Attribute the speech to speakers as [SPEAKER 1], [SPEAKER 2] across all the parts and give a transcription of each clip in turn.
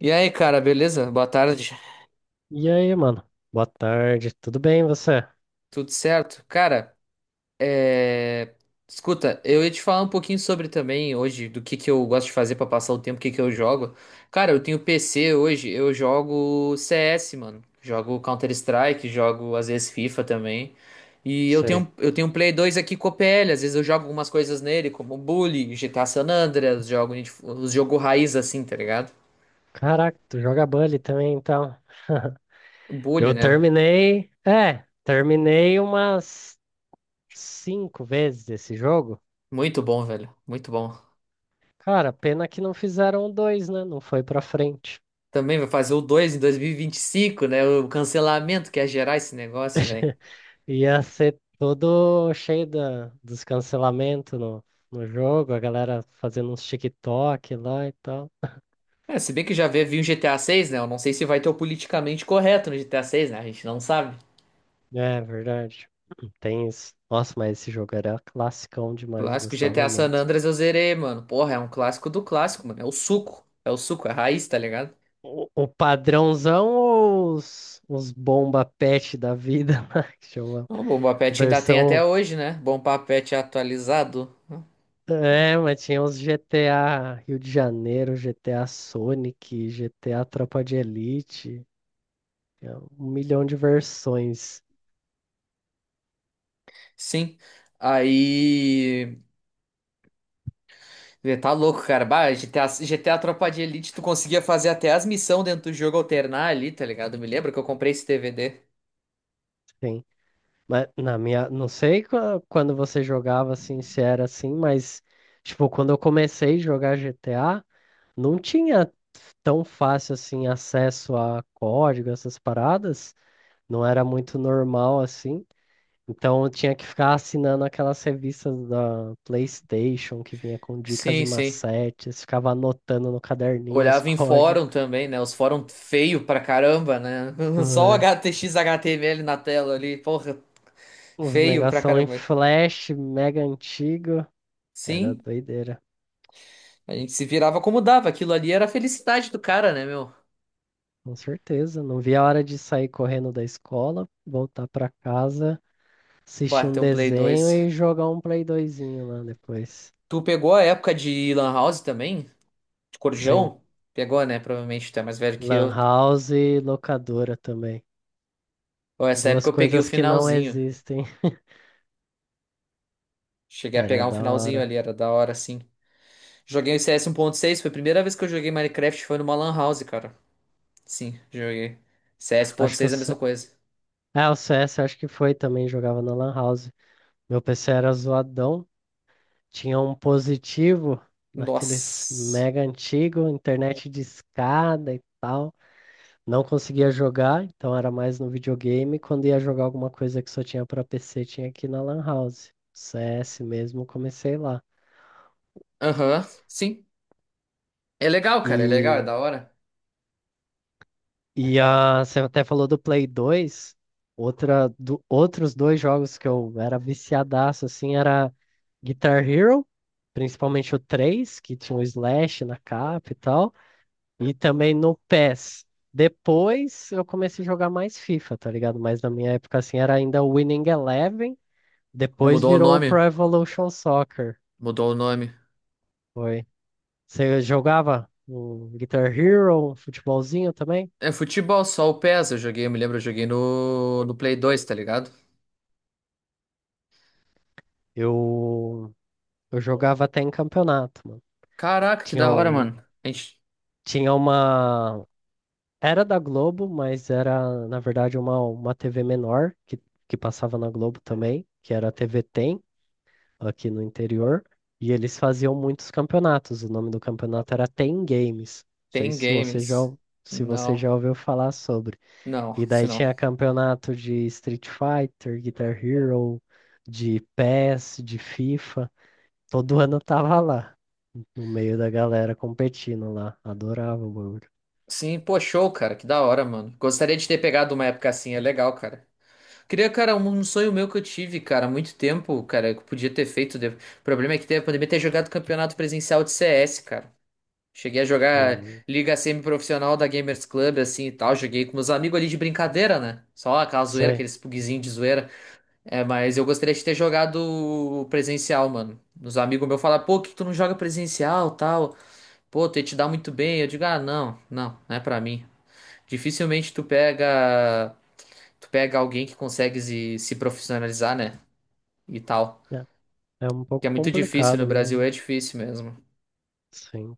[SPEAKER 1] E aí, cara, beleza? Boa tarde.
[SPEAKER 2] E aí, mano? Boa tarde, tudo bem você?
[SPEAKER 1] Tudo certo? Cara, é... escuta, eu ia te falar um pouquinho sobre também hoje do que eu gosto de fazer pra passar o tempo, o que que eu jogo. Cara, eu tenho PC hoje, eu jogo CS, mano. Jogo Counter-Strike, jogo às vezes FIFA também. E eu
[SPEAKER 2] Sei.
[SPEAKER 1] tenho, eu tenho um Play 2 aqui com o PL, às vezes eu jogo algumas coisas nele, como Bully, GTA San Andreas, jogo, os jogo raiz assim, tá ligado?
[SPEAKER 2] Caraca, tu joga Bully também então.
[SPEAKER 1] Bully,
[SPEAKER 2] Eu
[SPEAKER 1] né?
[SPEAKER 2] terminei, terminei umas cinco vezes esse jogo.
[SPEAKER 1] Muito bom, velho. Muito bom.
[SPEAKER 2] Cara, pena que não fizeram dois, né? Não foi pra frente.
[SPEAKER 1] Também vai fazer o 2 em dois mil e vinte e cinco, né? O cancelamento que ia gerar esse negócio, velho.
[SPEAKER 2] Ia ser todo cheio dos cancelamentos no jogo, a galera fazendo uns TikTok lá e tal.
[SPEAKER 1] É, se bem que já veio vir o GTA 6, né? Eu não sei se vai ter o politicamente correto no GTA 6, né? A gente não sabe.
[SPEAKER 2] É, verdade. Tem isso. Nossa, mas esse jogo era classicão demais,
[SPEAKER 1] Clássico
[SPEAKER 2] gostava
[SPEAKER 1] GTA San
[SPEAKER 2] muito.
[SPEAKER 1] Andreas eu zerei, mano. Porra, é um clássico do clássico, mano. É o suco. É o suco, é a raiz, tá ligado?
[SPEAKER 2] O padrãozão ou os bomba pet da vida, lá, que chama
[SPEAKER 1] O Bomba Pet ainda tem até
[SPEAKER 2] versão.
[SPEAKER 1] hoje, né? Bomba Pet atualizado.
[SPEAKER 2] É, mas tinha os GTA Rio de Janeiro, GTA Sonic, GTA Tropa de Elite, é um milhão de versões,
[SPEAKER 1] Sim. Aí. Você tá louco, cara. Bah, GTA Tropa de Elite, tu conseguia fazer até as missões dentro do jogo alternar ali, tá ligado? Me lembro que eu comprei esse DVD.
[SPEAKER 2] sim. Mas na minha, não sei quando você jogava assim, se era assim, mas tipo, quando eu comecei a jogar GTA, não tinha tão fácil assim acesso a código, essas paradas. Não era muito normal assim. Então eu tinha que ficar assinando aquelas revistas da PlayStation que vinha com dicas e
[SPEAKER 1] Sim, sim.
[SPEAKER 2] macetes, ficava anotando no caderninho os
[SPEAKER 1] Olhava em
[SPEAKER 2] códigos.
[SPEAKER 1] fórum também, né? Os fórum feio pra caramba, né? Só o
[SPEAKER 2] É,
[SPEAKER 1] HTX HTML na tela ali, porra,
[SPEAKER 2] uns
[SPEAKER 1] feio pra
[SPEAKER 2] negação em
[SPEAKER 1] caramba.
[SPEAKER 2] flash, mega antigo. Era
[SPEAKER 1] Sim,
[SPEAKER 2] doideira,
[SPEAKER 1] a gente se virava como dava. Aquilo ali era a felicidade do cara, né, meu?
[SPEAKER 2] com certeza. Não via a hora de sair correndo da escola, voltar pra casa, assistir um
[SPEAKER 1] Bateu um Play
[SPEAKER 2] desenho
[SPEAKER 1] dois
[SPEAKER 2] e jogar um Play doisinho lá depois.
[SPEAKER 1] Tu pegou a época de Lan House também? De
[SPEAKER 2] Sim,
[SPEAKER 1] Corujão? Pegou, né? Provavelmente tu é mais velho que
[SPEAKER 2] Lan
[SPEAKER 1] eu.
[SPEAKER 2] House e locadora também.
[SPEAKER 1] Bom, essa época
[SPEAKER 2] Duas
[SPEAKER 1] eu peguei o
[SPEAKER 2] coisas que não
[SPEAKER 1] finalzinho.
[SPEAKER 2] existem.
[SPEAKER 1] Cheguei a
[SPEAKER 2] Era
[SPEAKER 1] pegar um
[SPEAKER 2] da
[SPEAKER 1] finalzinho
[SPEAKER 2] hora.
[SPEAKER 1] ali, era da hora, sim. Joguei o CS seis foi a primeira vez que eu joguei Minecraft, foi numa Lan House, cara. Sim, joguei. CS
[SPEAKER 2] Acho que o
[SPEAKER 1] 1.6 é a mesma
[SPEAKER 2] C...
[SPEAKER 1] coisa.
[SPEAKER 2] É, o CS acho que foi também, jogava na Lan House. Meu PC era zoadão, tinha um positivo, daqueles
[SPEAKER 1] Nossa.
[SPEAKER 2] mega antigo, internet de escada e tal. Não conseguia jogar, então era mais no videogame. Quando ia jogar alguma coisa que só tinha pra PC, tinha aqui na Lan House. CS mesmo, comecei lá.
[SPEAKER 1] Aham, sim. É legal, cara, é legal, é
[SPEAKER 2] E
[SPEAKER 1] da hora.
[SPEAKER 2] Você até falou do Play 2 outros dois jogos que eu era viciadaço, assim, era Guitar Hero, principalmente o 3 que tinha o Slash na capa e tal, e também no PES. Depois eu comecei a jogar mais FIFA, tá ligado? Mas na minha época, assim, era ainda o Winning Eleven, depois
[SPEAKER 1] Mudou o
[SPEAKER 2] virou o Pro
[SPEAKER 1] nome,
[SPEAKER 2] Evolution Soccer,
[SPEAKER 1] mudou o nome.
[SPEAKER 2] foi. Você jogava um Guitar Hero, um futebolzinho também?
[SPEAKER 1] É futebol, só o PES eu joguei, eu me lembro, eu joguei no Play 2 tá ligado?
[SPEAKER 2] Eu... Eu jogava até em campeonato, mano.
[SPEAKER 1] Caraca, que
[SPEAKER 2] Tinha,
[SPEAKER 1] da hora,
[SPEAKER 2] um,
[SPEAKER 1] mano. A gente
[SPEAKER 2] tinha uma. Era da Globo, mas era, na verdade, uma TV menor que passava na Globo também, que era a TV Tem, aqui no interior. E eles faziam muitos campeonatos. O nome do campeonato era Tem Games. Não sei
[SPEAKER 1] tem
[SPEAKER 2] se você já,
[SPEAKER 1] games.
[SPEAKER 2] ou- se você
[SPEAKER 1] Não,
[SPEAKER 2] já ouviu falar sobre.
[SPEAKER 1] não,
[SPEAKER 2] E
[SPEAKER 1] isso
[SPEAKER 2] daí
[SPEAKER 1] não.
[SPEAKER 2] tinha campeonato de Street Fighter, Guitar Hero, de PES, de FIFA. Todo ano eu tava lá, no meio da galera competindo lá. Adorava o bagulho.
[SPEAKER 1] Sim, pô, show, cara. Que da hora, mano. Gostaria de ter pegado uma época assim, é legal, cara. Queria, cara, um sonho meu que eu tive, cara, há muito tempo, cara, que eu podia ter feito. O problema é que teve a pandemia ter jogado campeonato presencial de CS, cara. Cheguei a jogar
[SPEAKER 2] Hum,
[SPEAKER 1] liga semi-profissional da Gamers Club, assim e tal. Joguei com meus amigos ali de brincadeira, né? Só aquela zoeira,
[SPEAKER 2] sei.
[SPEAKER 1] aqueles pugzinhos de zoeira. É, mas eu gostaria de ter jogado presencial, mano. Os amigos meus falam, pô, por que tu não joga presencial, tal. Pô, tu ia te dar muito bem. Eu digo, ah, não, não, não é pra mim. Dificilmente tu pega alguém que consegue se profissionalizar, né? E tal.
[SPEAKER 2] É, é um
[SPEAKER 1] Que
[SPEAKER 2] pouco
[SPEAKER 1] é muito difícil no
[SPEAKER 2] complicado
[SPEAKER 1] Brasil, é
[SPEAKER 2] mesmo.
[SPEAKER 1] difícil mesmo.
[SPEAKER 2] Sim.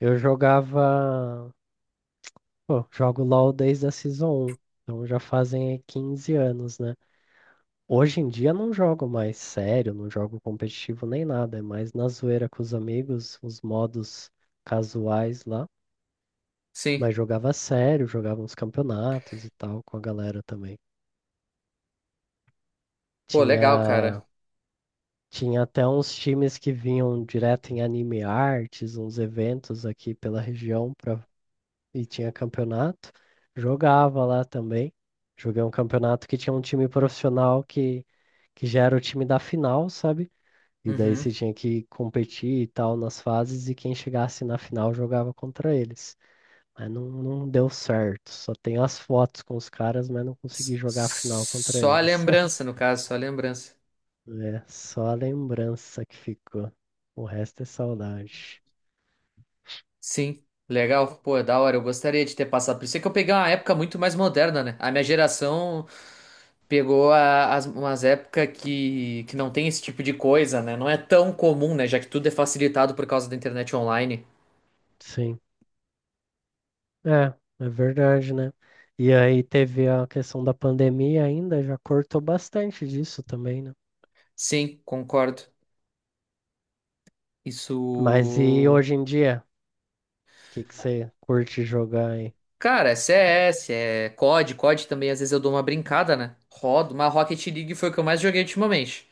[SPEAKER 2] Eu jogava. Pô, jogo LOL desde a Season um. Então já fazem aí 15 anos, né? Hoje em dia não jogo mais sério, não jogo competitivo nem nada. É mais na zoeira com os amigos, os modos casuais lá.
[SPEAKER 1] Sim.
[SPEAKER 2] Mas jogava sério, jogava uns campeonatos e tal com a galera também.
[SPEAKER 1] Pô,
[SPEAKER 2] Tinha
[SPEAKER 1] legal, cara.
[SPEAKER 2] Tinha até uns times que vinham direto em Anime Artes, uns eventos aqui pela região pra... e tinha campeonato. Jogava lá também. Joguei um campeonato que tinha um time profissional que já era o time da final, sabe? E daí você
[SPEAKER 1] Uhum.
[SPEAKER 2] tinha que competir e tal nas fases e quem chegasse na final jogava contra eles. Mas não deu certo. Só tenho as fotos com os caras, mas não consegui jogar a final contra
[SPEAKER 1] Só a
[SPEAKER 2] eles.
[SPEAKER 1] lembrança, no caso, só a lembrança.
[SPEAKER 2] É só a lembrança que ficou. O resto é saudade.
[SPEAKER 1] Sim. Legal, pô, é da hora. Eu gostaria de ter passado por isso. É que eu peguei uma época muito mais moderna, né? A minha geração pegou as, umas épocas que, não tem esse tipo de coisa, né? Não é tão comum, né? Já que tudo é facilitado por causa da internet online.
[SPEAKER 2] Sim, é, é verdade, né? E aí teve a questão da pandemia ainda, já cortou bastante disso também, né?
[SPEAKER 1] Sim, concordo. Isso.
[SPEAKER 2] Mas e hoje em dia? O que que você curte jogar aí?
[SPEAKER 1] Cara, é CS é COD também às vezes eu dou uma brincada, né? Rodo, mas Rocket League foi o que eu mais joguei ultimamente.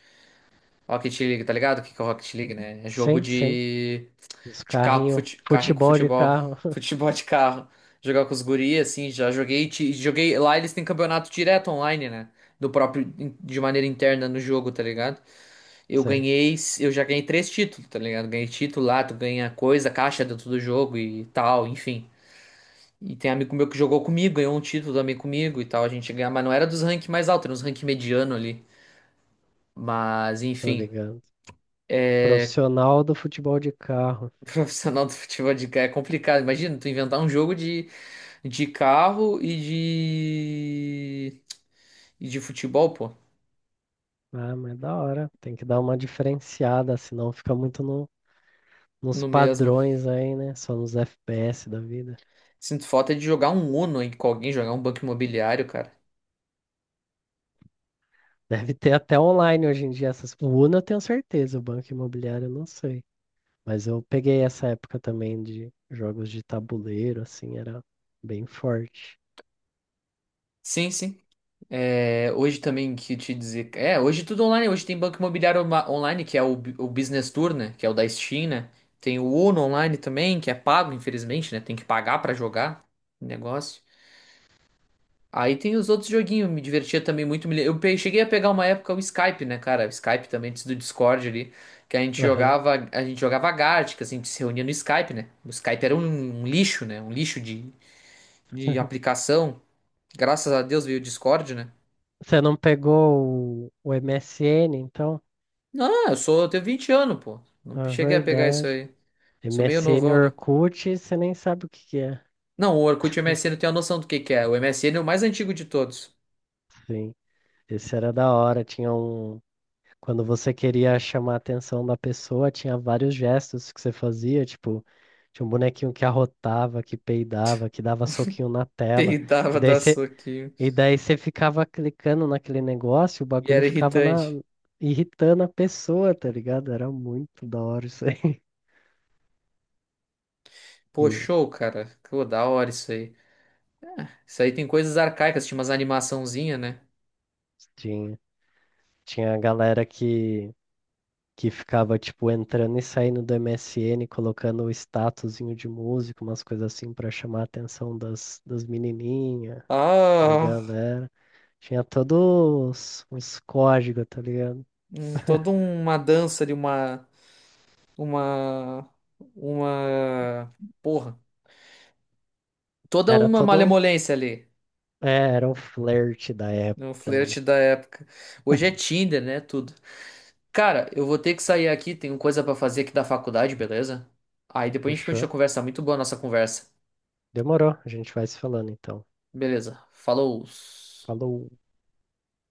[SPEAKER 1] Rocket League, tá ligado? O que que é Rocket League, né? É jogo
[SPEAKER 2] Sim, sim.
[SPEAKER 1] de,
[SPEAKER 2] Os
[SPEAKER 1] carro, com
[SPEAKER 2] carrinhos,
[SPEAKER 1] carrinho com
[SPEAKER 2] futebol de
[SPEAKER 1] futebol.
[SPEAKER 2] carro.
[SPEAKER 1] Futebol de carro. Jogar com os guris, assim, já joguei. Joguei. Lá eles têm campeonato direto online, né? Do próprio. De maneira interna no jogo, tá ligado? Eu
[SPEAKER 2] Sei,
[SPEAKER 1] ganhei. Eu já ganhei três títulos, tá ligado? Ganhei título lá, tu ganha coisa, caixa dentro do jogo e tal, enfim. E tem amigo meu que jogou comigo, ganhou um título também comigo e tal. A gente ganhava, mas não era dos ranks mais altos, era uns ranking mediano ali. Mas,
[SPEAKER 2] tô
[SPEAKER 1] enfim,
[SPEAKER 2] ligando.
[SPEAKER 1] é
[SPEAKER 2] Profissional do futebol de carro.
[SPEAKER 1] profissional do futebol de carro é complicado. Imagina, tu inventar um jogo de, carro e de futebol, pô,
[SPEAKER 2] Ah, mas da hora. Tem que dar uma diferenciada, senão fica muito no nos
[SPEAKER 1] no mesmo.
[SPEAKER 2] padrões aí, né? Só nos FPS da vida.
[SPEAKER 1] Sinto falta de jogar um Uno aí com alguém, jogar um banco imobiliário, cara.
[SPEAKER 2] Deve ter até online hoje em dia essas. O Uno eu tenho certeza, o Banco Imobiliário eu não sei. Mas eu peguei essa época também de jogos de tabuleiro, assim, era bem forte.
[SPEAKER 1] Sim, sim. É, hoje também que te dizer. É, hoje tudo online. Hoje tem Banco Imobiliário Online, que é o Business Tour, né? Que é o da Steam, né? Tem o Uno Online também, que é pago, infelizmente, né? Tem que pagar pra jogar o negócio. Aí tem os outros joguinhos, me divertia também muito. Cheguei a pegar uma época o Skype, né, cara? O Skype também, antes do Discord ali, que
[SPEAKER 2] Aham.
[SPEAKER 1] a gente jogava Gartic, assim, a gente se reunia no Skype, né? O Skype era um lixo, né? Um lixo de, aplicação. Graças a Deus veio o Discord, né?
[SPEAKER 2] Você não pegou o MSN, então?
[SPEAKER 1] Não, eu sou, eu tenho 20 anos, pô. Não
[SPEAKER 2] Na
[SPEAKER 1] cheguei a pegar isso
[SPEAKER 2] verdade.
[SPEAKER 1] aí. Sou meio
[SPEAKER 2] MSN
[SPEAKER 1] novão, né?
[SPEAKER 2] Orkut, você nem sabe o que que é.
[SPEAKER 1] Não, o Orkut e o MSN tem a noção do que é. O M S MSN é o mais antigo de todos.
[SPEAKER 2] Sim. Esse era da hora. Quando você queria chamar a atenção da pessoa, tinha vários gestos que você fazia, tipo, tinha um bonequinho que arrotava, que peidava, que dava soquinho na tela.
[SPEAKER 1] E
[SPEAKER 2] E
[SPEAKER 1] dava
[SPEAKER 2] daí
[SPEAKER 1] da
[SPEAKER 2] você,
[SPEAKER 1] soquinho.
[SPEAKER 2] e daí você ficava clicando naquele negócio, o
[SPEAKER 1] E
[SPEAKER 2] bagulho
[SPEAKER 1] era
[SPEAKER 2] ficava
[SPEAKER 1] irritante.
[SPEAKER 2] irritando a pessoa, tá ligado? Era muito da hora isso aí.
[SPEAKER 1] Pô,
[SPEAKER 2] E o-
[SPEAKER 1] show, cara. Pô, da hora isso aí. Isso aí tem coisas arcaicas, tinha umas animaçãozinha, né?
[SPEAKER 2] Tinha, tinha a galera que ficava, tipo, entrando e saindo do MSN, colocando o statusinho de música, umas coisas assim, pra chamar a atenção das menininhas da
[SPEAKER 1] Ah,
[SPEAKER 2] galera. Tinha todos uns códigos, tá ligado?
[SPEAKER 1] toda uma dança de uma, uma, porra, toda
[SPEAKER 2] Era
[SPEAKER 1] uma
[SPEAKER 2] todo.
[SPEAKER 1] malemolência ali
[SPEAKER 2] É, era o flerte da
[SPEAKER 1] no
[SPEAKER 2] época, né?
[SPEAKER 1] flerte da época. Hoje é Tinder, né? Tudo. Cara, eu vou ter que sair aqui, tenho coisa pra fazer aqui da faculdade, beleza? Aí depois a gente continua
[SPEAKER 2] Fechou?
[SPEAKER 1] a conversa. Muito boa a nossa conversa.
[SPEAKER 2] Demorou. A gente vai se falando então.
[SPEAKER 1] Beleza, falou.
[SPEAKER 2] Falou.